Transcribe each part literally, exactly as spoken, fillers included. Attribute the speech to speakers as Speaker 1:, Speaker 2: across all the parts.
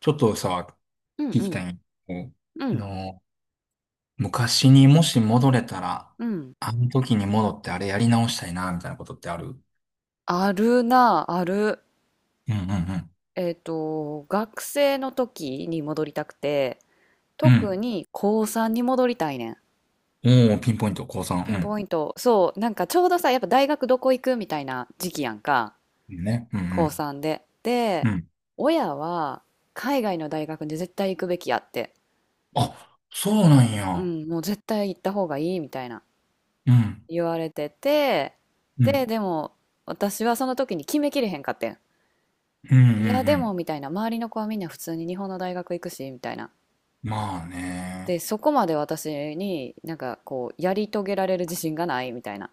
Speaker 1: ちょっとさ、
Speaker 2: うん
Speaker 1: 聞
Speaker 2: う
Speaker 1: きた
Speaker 2: ん
Speaker 1: いんやけ
Speaker 2: う
Speaker 1: ど
Speaker 2: ん
Speaker 1: の、昔にもし戻れたら、
Speaker 2: うん。
Speaker 1: あの時に戻ってあれやり直したいな、みたいなことってある。
Speaker 2: あるなある。
Speaker 1: うんうん
Speaker 2: えっと学生の時に戻りたくて、
Speaker 1: うん。う
Speaker 2: 特
Speaker 1: ん。
Speaker 2: に高こうさんに戻りたいねん。
Speaker 1: おー、ピンポイント、高
Speaker 2: ピン
Speaker 1: 三。
Speaker 2: ポイント、そう、なんかちょうどさ、やっぱ大学どこ行くみたいな時期やんか。
Speaker 1: うん。いいね。う
Speaker 2: 高
Speaker 1: ん。
Speaker 2: こうさんで
Speaker 1: う
Speaker 2: で
Speaker 1: ん。うん。
Speaker 2: 親は海外の大学に絶対行くべきやって、
Speaker 1: あ、そうなん
Speaker 2: う
Speaker 1: や。
Speaker 2: ん、もう絶対行った方がいいみたいな
Speaker 1: うん。
Speaker 2: 言われてて、
Speaker 1: う
Speaker 2: で、
Speaker 1: ん。
Speaker 2: でも私はその時に決めきれへんかってん。
Speaker 1: うんう
Speaker 2: いや、
Speaker 1: んう
Speaker 2: で
Speaker 1: ん。
Speaker 2: も、みたいな、周りの子はみんな普通に日本の大学行くし、みたいな。
Speaker 1: まあ
Speaker 2: で、
Speaker 1: ね。
Speaker 2: そこまで私になんかこう、やり遂げられる自信がない、みたいな。っ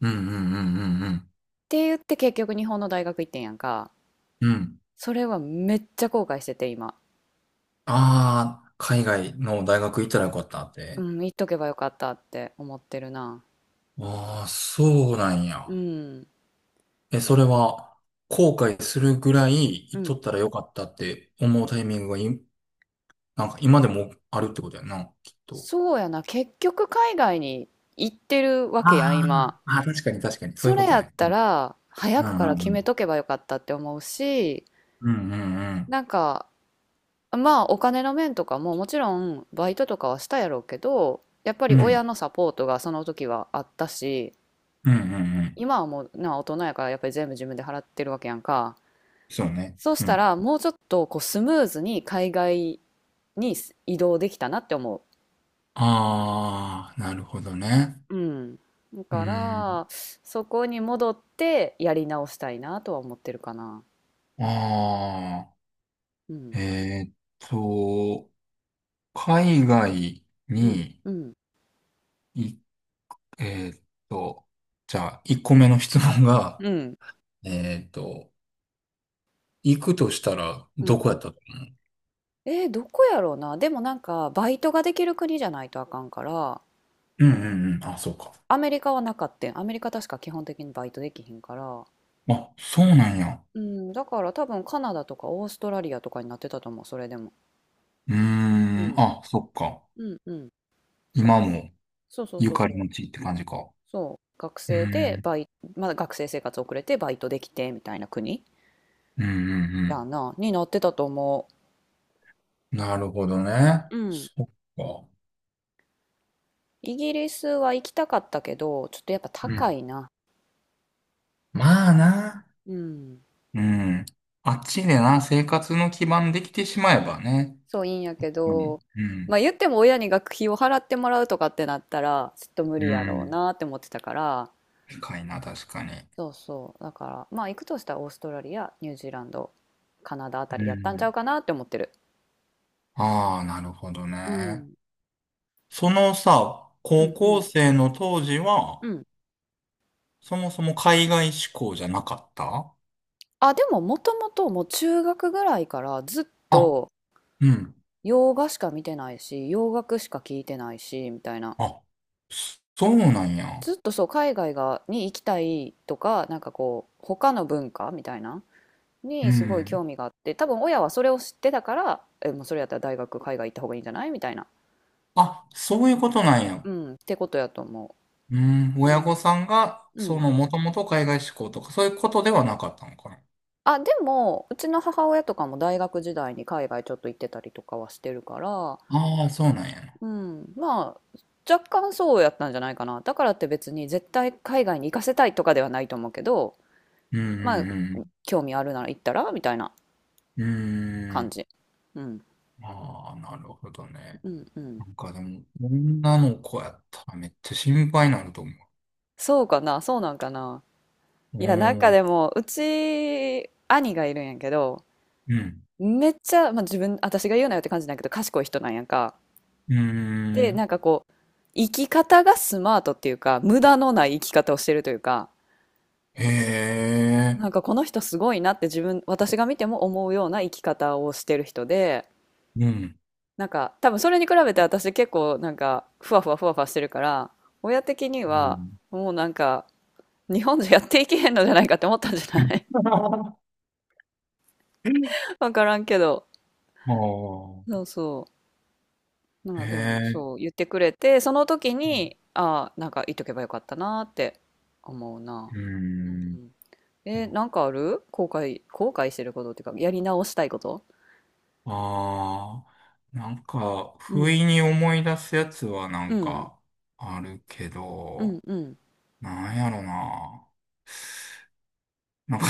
Speaker 1: うんうんうんうんうん。
Speaker 2: て言って結局日本の大学行ってんやんか。
Speaker 1: うん。
Speaker 2: それはめっちゃ後悔してて、今。
Speaker 1: ああ、海外の大学行ったらよかったっ
Speaker 2: う
Speaker 1: て。
Speaker 2: ん、行っとけばよかったって思ってるな。
Speaker 1: ああ、そうなん
Speaker 2: う
Speaker 1: や。
Speaker 2: ん、
Speaker 1: え、それは、後悔するぐらい、
Speaker 2: う
Speaker 1: 言っと
Speaker 2: ん。
Speaker 1: ったらよかったって思うタイミングがい、なんか今でもあるってことやな、きっと。
Speaker 2: そうやな、結局海外に行ってるわけやん、
Speaker 1: あ
Speaker 2: 今。
Speaker 1: ーあー、確かに確かに、そう
Speaker 2: そ
Speaker 1: いうこ
Speaker 2: れ
Speaker 1: と
Speaker 2: やっ
Speaker 1: ね。う
Speaker 2: た
Speaker 1: ん。
Speaker 2: ら、早くから決めとけばよかったって思うし、
Speaker 1: うんうんうん。
Speaker 2: なんか、まあお金の面とかももちろんバイトとかはしたやろうけど、やっぱり
Speaker 1: う
Speaker 2: 親
Speaker 1: ん
Speaker 2: のサポートがその時はあったし、
Speaker 1: うんうん。うんうんうんうん。
Speaker 2: 今はもうな、大人やからやっぱり全部自分で払ってるわけやんか。
Speaker 1: そうね。
Speaker 2: そうし
Speaker 1: う
Speaker 2: た
Speaker 1: ん。
Speaker 2: らもうちょっとこうスムーズに海外に移動できたなって思
Speaker 1: ああ、なるほどね。
Speaker 2: う。うん、だ
Speaker 1: う
Speaker 2: か
Speaker 1: ん。
Speaker 2: ら、そこに戻ってやり直したいなとは思ってるかな。
Speaker 1: あ
Speaker 2: うん
Speaker 1: あ、えーっと、海外
Speaker 2: うん
Speaker 1: に、
Speaker 2: うん
Speaker 1: い、えーっと、じゃあ、いっこめの質問が、
Speaker 2: うん。
Speaker 1: えーっと、行くとしたら、
Speaker 2: う
Speaker 1: ど
Speaker 2: ん、
Speaker 1: こ
Speaker 2: う
Speaker 1: やっ
Speaker 2: ん。
Speaker 1: たかな。
Speaker 2: えーどこやろうな、でも、なんかバイトができる国じゃないとあかんから。
Speaker 1: うんうんうん。あ、そうか。
Speaker 2: アメリカはなかったん、アメリカ確か基本的にバイトできひんから。
Speaker 1: あ、そうなんや。
Speaker 2: うん、だから多分カナダとかオーストラリアとかになってたと思う、それでも。
Speaker 1: うー
Speaker 2: う
Speaker 1: ん。
Speaker 2: ん、
Speaker 1: あ、そっか。
Speaker 2: うん、うん。
Speaker 1: 今
Speaker 2: 学生、
Speaker 1: も
Speaker 2: そうそう
Speaker 1: ゆ
Speaker 2: そう
Speaker 1: か
Speaker 2: そ
Speaker 1: りの
Speaker 2: う。
Speaker 1: 地って感じか。
Speaker 2: そう、学
Speaker 1: うー
Speaker 2: 生で
Speaker 1: ん。
Speaker 2: バイ、まだ学生生活遅れてバイトできてみたいな国
Speaker 1: うんう
Speaker 2: や
Speaker 1: ん
Speaker 2: な、になってたと思
Speaker 1: うん。なるほどね。
Speaker 2: う。うん。
Speaker 1: そっか。
Speaker 2: イギリスは行きたかったけど、ちょっとやっぱ
Speaker 1: う
Speaker 2: 高
Speaker 1: ん。
Speaker 2: いな。
Speaker 1: まあな。
Speaker 2: うん。
Speaker 1: うん。あっちでな、生活の基盤できてしまえばね。
Speaker 2: そういいんやけ
Speaker 1: うん。
Speaker 2: ど、
Speaker 1: う
Speaker 2: ま
Speaker 1: ん。
Speaker 2: あ言っても親に学費を払ってもらうとかってなったら、ちょっと無理
Speaker 1: う
Speaker 2: やろう
Speaker 1: ん。
Speaker 2: なって思ってたから。
Speaker 1: 深いな、確かに。
Speaker 2: そうそう。だから、まあ行くとしたらオーストラリア、ニュージーランド、カナダあた
Speaker 1: う
Speaker 2: りやったんちゃ
Speaker 1: ん。
Speaker 2: うかなって思ってる。
Speaker 1: ああ、なるほど
Speaker 2: う
Speaker 1: ね。
Speaker 2: ん。
Speaker 1: そのさ、
Speaker 2: う
Speaker 1: 高
Speaker 2: んう
Speaker 1: 校
Speaker 2: ん。
Speaker 1: 生の当時は、
Speaker 2: うん。
Speaker 1: そもそも海外志向じゃなかった。
Speaker 2: あ、でも、もともともう中学ぐらいからずっ
Speaker 1: あ、
Speaker 2: と
Speaker 1: うん。
Speaker 2: 洋画しか見てないし、洋楽しか聞いてないし、みたいな。
Speaker 1: あ、そうなんや。
Speaker 2: ずっとそう、海外がに行きたいとか、なんかこう、他の文化みたいな
Speaker 1: う
Speaker 2: にすごい
Speaker 1: ん。
Speaker 2: 興味があって、多分親はそれを知ってたから、えもうそれやったら大学海外行った方がいいんじゃないみたいな、
Speaker 1: あ、そういうことなんや。
Speaker 2: うん、ってことやと思
Speaker 1: うん。
Speaker 2: う。う
Speaker 1: 親御
Speaker 2: ん、
Speaker 1: さんが、その、もともと海外志向とか、そういうことではなかったのかな。
Speaker 2: あ、でも、うちの母親とかも大学時代に海外ちょっと行ってたりとかはしてるから、
Speaker 1: ああ、そうなんやな。
Speaker 2: うん、まあ、若干そうやったんじゃないかな。だからって別に絶対海外に行かせたいとかではないと思うけど、
Speaker 1: うん
Speaker 2: まあ、
Speaker 1: うん
Speaker 2: 興味あるなら行ったらみたいな
Speaker 1: うん。うー
Speaker 2: 感
Speaker 1: ん。
Speaker 2: じ。うん、
Speaker 1: ああ、なるほどね。
Speaker 2: うん、うん。
Speaker 1: なんかでも、女の子やったらめっちゃ心配になると思
Speaker 2: そうかな、そうなんかな。
Speaker 1: う。お
Speaker 2: いや、なんか
Speaker 1: ー、
Speaker 2: でも、うち、兄がいるんやけど、
Speaker 1: うん。
Speaker 2: めっちゃ、まあ自分、私が言うなよって感じなんやけど、賢い人なんやんか。
Speaker 1: う
Speaker 2: で、
Speaker 1: ー
Speaker 2: なん
Speaker 1: ん。
Speaker 2: かこう、生き方がスマートっていうか、無駄のない生き方をしてるというか、
Speaker 1: へ
Speaker 2: な
Speaker 1: え。
Speaker 2: んかこの人すごいなって自分、私が見ても思うような生き方をしてる人で、
Speaker 1: うん。
Speaker 2: なんか多分それに比べて私結構なんかふわふわふわふわしてるから、親的に
Speaker 1: う
Speaker 2: は
Speaker 1: ん。
Speaker 2: もうなんか日本じゃやっていけへんのじゃないかって思ったんじゃない。
Speaker 1: あ
Speaker 2: わからんけど。
Speaker 1: あ、
Speaker 2: そうそう。ま
Speaker 1: へ
Speaker 2: あでも
Speaker 1: え、
Speaker 2: そう言ってくれて、その時に、ああ、なんか言っとけばよかったなって思うな。
Speaker 1: う
Speaker 2: う
Speaker 1: ん。
Speaker 2: ん。えー、なんかある後悔、後悔してることっていうか、やり直したいこと。
Speaker 1: ああ、なんか、
Speaker 2: うん。
Speaker 1: 不意に思い出すやつはな
Speaker 2: う
Speaker 1: ん
Speaker 2: ん。
Speaker 1: か、あるけ
Speaker 2: うん。
Speaker 1: ど、
Speaker 2: うん。
Speaker 1: なんやろな。なんか、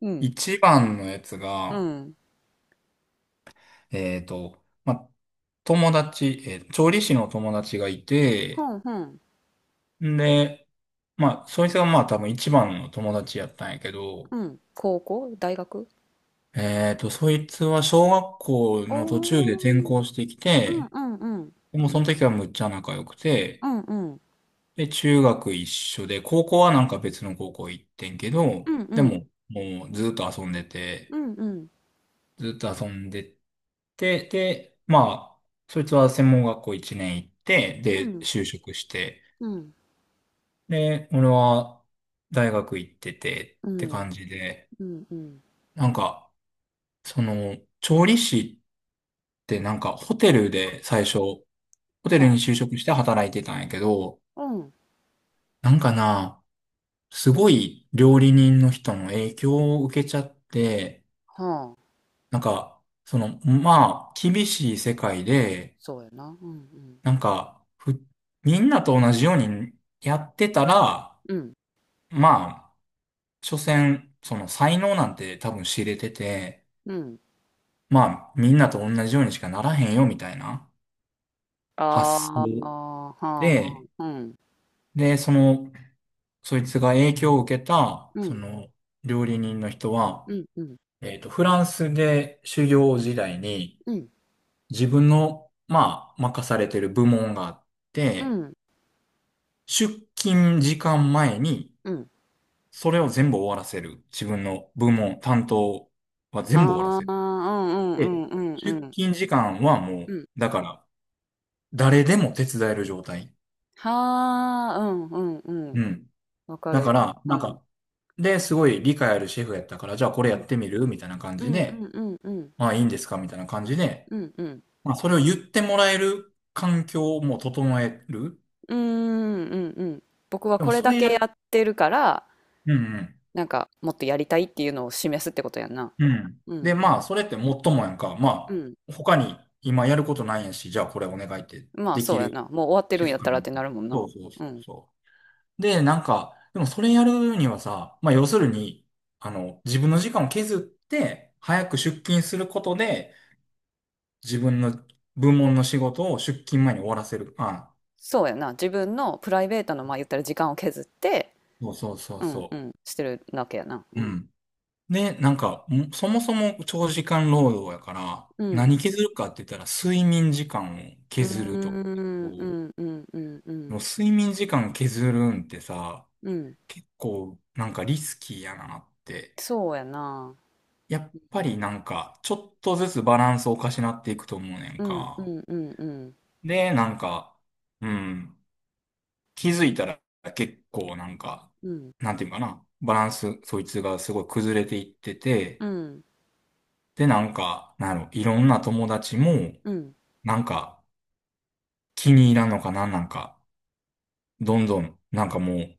Speaker 2: うん。
Speaker 1: 一番のやつ
Speaker 2: う
Speaker 1: が、
Speaker 2: ん。
Speaker 1: えっと、ま、友達、えー調理師の友達がい
Speaker 2: ふ
Speaker 1: て、
Speaker 2: んふん。
Speaker 1: んで、まあ、そいつがまあ多分一番の友達やったんやけど、
Speaker 2: うん。高校大学、
Speaker 1: えっと、そいつは小学校の途中で転
Speaker 2: おー。
Speaker 1: 校してき
Speaker 2: うん
Speaker 1: て、
Speaker 2: うんうん。
Speaker 1: もうその時はむっちゃ仲良く
Speaker 2: う
Speaker 1: て、
Speaker 2: んうん。
Speaker 1: で、中学一緒で、高校はなんか別の高校行ってんけ
Speaker 2: う
Speaker 1: ど、
Speaker 2: んう
Speaker 1: で
Speaker 2: ん。
Speaker 1: も、もうずっと遊んで
Speaker 2: う
Speaker 1: て、
Speaker 2: んうん。
Speaker 1: ずっと遊んでて、で、まあ、そいつは専門学校一年行って、
Speaker 2: うん
Speaker 1: で、
Speaker 2: うん。
Speaker 1: 就職して、
Speaker 2: うん。
Speaker 1: で、俺は大学行っててって感じで、
Speaker 2: うんうん。
Speaker 1: なんか、その、調理師ってなんかホテルで最初、ホテルに
Speaker 2: は
Speaker 1: 就職して働いてたんやけど、
Speaker 2: あ。うん。
Speaker 1: なんかな、すごい料理人の人の影響を受けちゃって、
Speaker 2: はあ。
Speaker 1: なんか、その、まあ、厳しい世界で、
Speaker 2: そうやな。うんうん。
Speaker 1: なんか、ふ、みんなと同じようにやってたら、
Speaker 2: うん。
Speaker 1: まあ、所詮、その才能なんて多分知れてて、
Speaker 2: うん。
Speaker 1: まあ、みんなと同じようにしかならへんよ、みたいな
Speaker 2: ああ、
Speaker 1: 発想
Speaker 2: はあはあ。
Speaker 1: で、
Speaker 2: うん。
Speaker 1: で、その、そいつが影響を受けた、
Speaker 2: う
Speaker 1: そ
Speaker 2: ん。
Speaker 1: の、料理人の人
Speaker 2: う
Speaker 1: は、
Speaker 2: んうん。
Speaker 1: えっと、フランスで修行時代に、
Speaker 2: うん。
Speaker 1: 自分の、まあ、任されてる部門があっ
Speaker 2: う
Speaker 1: て、
Speaker 2: ん。
Speaker 1: 出勤時間前に、
Speaker 2: うん。
Speaker 1: それを全部終わらせる。自分の部門、担当は全部終わら
Speaker 2: は
Speaker 1: せ
Speaker 2: あ、う
Speaker 1: る。
Speaker 2: んう
Speaker 1: で、
Speaker 2: んうんうん
Speaker 1: 出
Speaker 2: うん。
Speaker 1: 勤時間はも
Speaker 2: う
Speaker 1: う、
Speaker 2: ん。
Speaker 1: だから、誰でも手伝える状態。
Speaker 2: はあ、うんうんう
Speaker 1: う
Speaker 2: ん。
Speaker 1: ん。
Speaker 2: わか
Speaker 1: だ
Speaker 2: る
Speaker 1: か
Speaker 2: よ。
Speaker 1: ら、
Speaker 2: う
Speaker 1: なん
Speaker 2: ん。
Speaker 1: か、で、すごい理解あるシェフやったから、じゃあこ
Speaker 2: う
Speaker 1: れやっ
Speaker 2: ん。
Speaker 1: てみるみたいな感
Speaker 2: う
Speaker 1: じ
Speaker 2: んうん
Speaker 1: で、
Speaker 2: うんうん。
Speaker 1: まあいいんですかみたいな感じで、
Speaker 2: うんうん。
Speaker 1: まあそれを言ってもらえる環境も整える。
Speaker 2: うんうんうん。僕は
Speaker 1: でも
Speaker 2: これ
Speaker 1: そ
Speaker 2: だ
Speaker 1: れ
Speaker 2: け
Speaker 1: や
Speaker 2: や
Speaker 1: る。
Speaker 2: ってるから、
Speaker 1: うんうん。
Speaker 2: なんかもっとやりたいっていうのを示すってことやんな。
Speaker 1: うん。
Speaker 2: うんう
Speaker 1: で、ま
Speaker 2: ん。
Speaker 1: あ、それってもっともやんか。ま
Speaker 2: うん。
Speaker 1: あ、他に今やることないんやし、じゃあこれお願いって
Speaker 2: まあ
Speaker 1: でき
Speaker 2: そうや
Speaker 1: る。
Speaker 2: な。もう終わって
Speaker 1: シ
Speaker 2: るんや
Speaker 1: フ
Speaker 2: っ
Speaker 1: ト
Speaker 2: たらっ
Speaker 1: に、
Speaker 2: てなるもんな。
Speaker 1: そうそうそ
Speaker 2: う
Speaker 1: う
Speaker 2: ん。
Speaker 1: そう。で、なんか、でもそれやるにはさ、まあ、要するに、あの、自分の時間を削って、早く出勤することで、自分の部門の仕事を出勤前に終わらせる。あ、
Speaker 2: そうやな。自分のプライベートの、まあ言ったら時間を削って、
Speaker 1: そうそうそう
Speaker 2: うんう
Speaker 1: そ
Speaker 2: ん、してるわけやな。う
Speaker 1: う。う
Speaker 2: ん。
Speaker 1: ん。で、なんか、ん、そもそも長時間労働やから、
Speaker 2: うん。
Speaker 1: 何削るかって言ったら、睡眠時間を
Speaker 2: うー
Speaker 1: 削ると。で
Speaker 2: ん、うん、うん、うん、う
Speaker 1: も
Speaker 2: ん。
Speaker 1: 睡眠時間削るんってさ、
Speaker 2: うん、
Speaker 1: 結構なんかリスキーやなって。
Speaker 2: そうやな。
Speaker 1: やっ
Speaker 2: う
Speaker 1: ぱりな
Speaker 2: ん。
Speaker 1: んか、ちょっとずつバランスをおかしなっていくと思うねん
Speaker 2: うんう
Speaker 1: か。
Speaker 2: んうんうん
Speaker 1: で、なんか、うん、気づいたら結構なんか、
Speaker 2: うん
Speaker 1: なんていうかな、バランス、そいつがすごい崩れていって
Speaker 2: う
Speaker 1: て、
Speaker 2: ん
Speaker 1: で、なんか、なんやろ、いろんな友達も、
Speaker 2: うん
Speaker 1: なんか、気に入らんのかな、なんか、どんどん、なんかもう、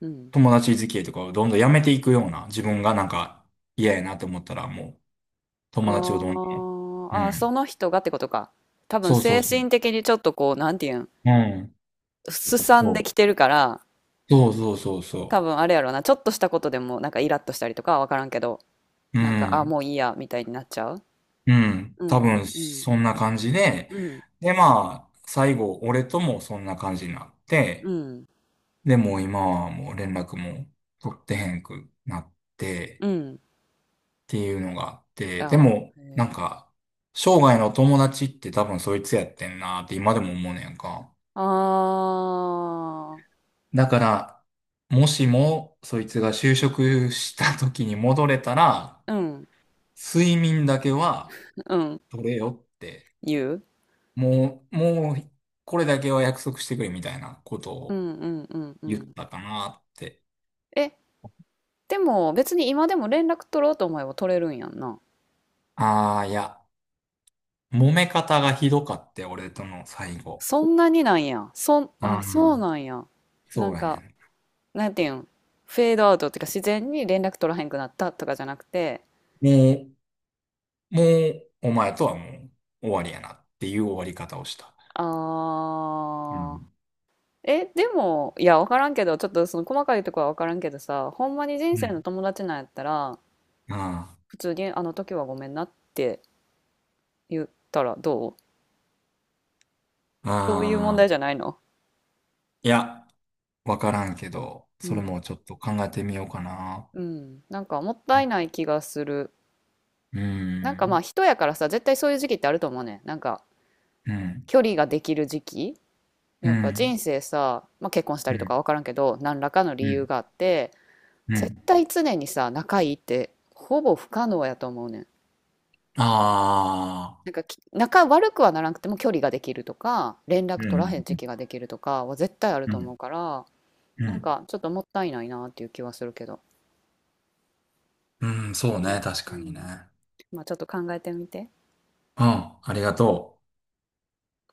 Speaker 2: うん、
Speaker 1: 友達付き合いとかをどんどんやめていくような、自分がなんか、嫌やなと思ったら、もう、友達をどん
Speaker 2: あ
Speaker 1: ど
Speaker 2: あ
Speaker 1: ん、
Speaker 2: ー、
Speaker 1: う
Speaker 2: あー、そ
Speaker 1: ん。
Speaker 2: の人がってことか。多分
Speaker 1: そうそう
Speaker 2: 精
Speaker 1: そう。
Speaker 2: 神的にちょっとこう、なんていうん、
Speaker 1: うん。
Speaker 2: すさんで
Speaker 1: そう。
Speaker 2: きてるから、
Speaker 1: そうそうそう
Speaker 2: 多
Speaker 1: そ
Speaker 2: 分あれやろうな、ちょっとしたことでもなんかイラッとしたりとかはわからんけど、
Speaker 1: う。う
Speaker 2: なんか、あ、
Speaker 1: ん。
Speaker 2: もういいや、みたいになっちゃう。
Speaker 1: うん。
Speaker 2: うん
Speaker 1: 多
Speaker 2: う
Speaker 1: 分、
Speaker 2: んうん。
Speaker 1: そんな感じで、
Speaker 2: うん
Speaker 1: で、まあ、最後、俺ともそんな感じになっ
Speaker 2: う
Speaker 1: て、
Speaker 2: ん
Speaker 1: で、もう今はもう連絡も取ってへんくなっ
Speaker 2: う
Speaker 1: て、
Speaker 2: ん。
Speaker 1: ていうのがあって、で
Speaker 2: あ
Speaker 1: も、
Speaker 2: ー、へ
Speaker 1: なん
Speaker 2: ー
Speaker 1: か、生涯の友達って多分そいつやってんなって今でも思うねやんか。
Speaker 2: あー、
Speaker 1: だから、もしもそいつが就職した時に戻れたら、
Speaker 2: うん
Speaker 1: 睡眠だけは
Speaker 2: うん。
Speaker 1: 取れよって、
Speaker 2: 言う。
Speaker 1: もう、もう、これだけは約束してくれみたいなこと
Speaker 2: う
Speaker 1: を
Speaker 2: んうんうんう
Speaker 1: 言っ
Speaker 2: ん。
Speaker 1: たかなって。
Speaker 2: えでも別に今でも連絡取ろうと思えば取れるんやんな。
Speaker 1: ああ、いや、揉め方がひどかって、俺との最後。
Speaker 2: そんなになんや。そん、
Speaker 1: あ
Speaker 2: あ、そ
Speaker 1: あ、
Speaker 2: うなんや。な
Speaker 1: そ
Speaker 2: ん
Speaker 1: うや
Speaker 2: か、
Speaker 1: ね
Speaker 2: なんていうん、フェードアウトっていうか自然に連絡取らへんくなったとかじゃなくて、
Speaker 1: ん。もうもう、お前とはもう終わりやなっていう終わり方をした。
Speaker 2: あ
Speaker 1: う
Speaker 2: ー、
Speaker 1: ん。
Speaker 2: え、でも、いや、わからんけど、ちょっとその細かいとこはわからんけどさ、ほんまに人
Speaker 1: う
Speaker 2: 生の
Speaker 1: ん。
Speaker 2: 友達なんやったら、
Speaker 1: あ
Speaker 2: 普通にあの時はごめんなって言ったらどう、そういう問
Speaker 1: あ、あ
Speaker 2: 題じ
Speaker 1: あ、
Speaker 2: ゃないの。
Speaker 1: いや、わからんけど、
Speaker 2: う
Speaker 1: それ
Speaker 2: ん。
Speaker 1: もちょっと考えてみようかな。
Speaker 2: うん。なんかもっ
Speaker 1: う
Speaker 2: たい
Speaker 1: ん、
Speaker 2: ない気がする。
Speaker 1: う
Speaker 2: なんかまあ
Speaker 1: ん、
Speaker 2: 人やからさ、絶対そういう時期ってあると思うね、なんか
Speaker 1: うん、
Speaker 2: 距離ができる時期。
Speaker 1: う
Speaker 2: やっぱ
Speaker 1: ん、
Speaker 2: 人生さ、まあ、結婚したりとか分か
Speaker 1: う
Speaker 2: らんけど、何らかの理由
Speaker 1: ん、
Speaker 2: があって、
Speaker 1: う
Speaker 2: 絶
Speaker 1: ん。
Speaker 2: 対常にさ、仲いいってほぼ不可能やと思うねん。
Speaker 1: ああ、
Speaker 2: なんか、き仲悪くはならなくても距離ができるとか、連
Speaker 1: う
Speaker 2: 絡取らへん時
Speaker 1: ん、
Speaker 2: 期ができるとかは絶対ある
Speaker 1: う
Speaker 2: と思
Speaker 1: ん、
Speaker 2: うから、
Speaker 1: う
Speaker 2: なん
Speaker 1: ん、
Speaker 2: かちょっともったいないなっていう気はするけど。
Speaker 1: うん、うんそう
Speaker 2: うん、
Speaker 1: ね、確
Speaker 2: う
Speaker 1: かに
Speaker 2: ん。
Speaker 1: ね。
Speaker 2: まあちょっと考えてみて。
Speaker 1: うん、ありがとう。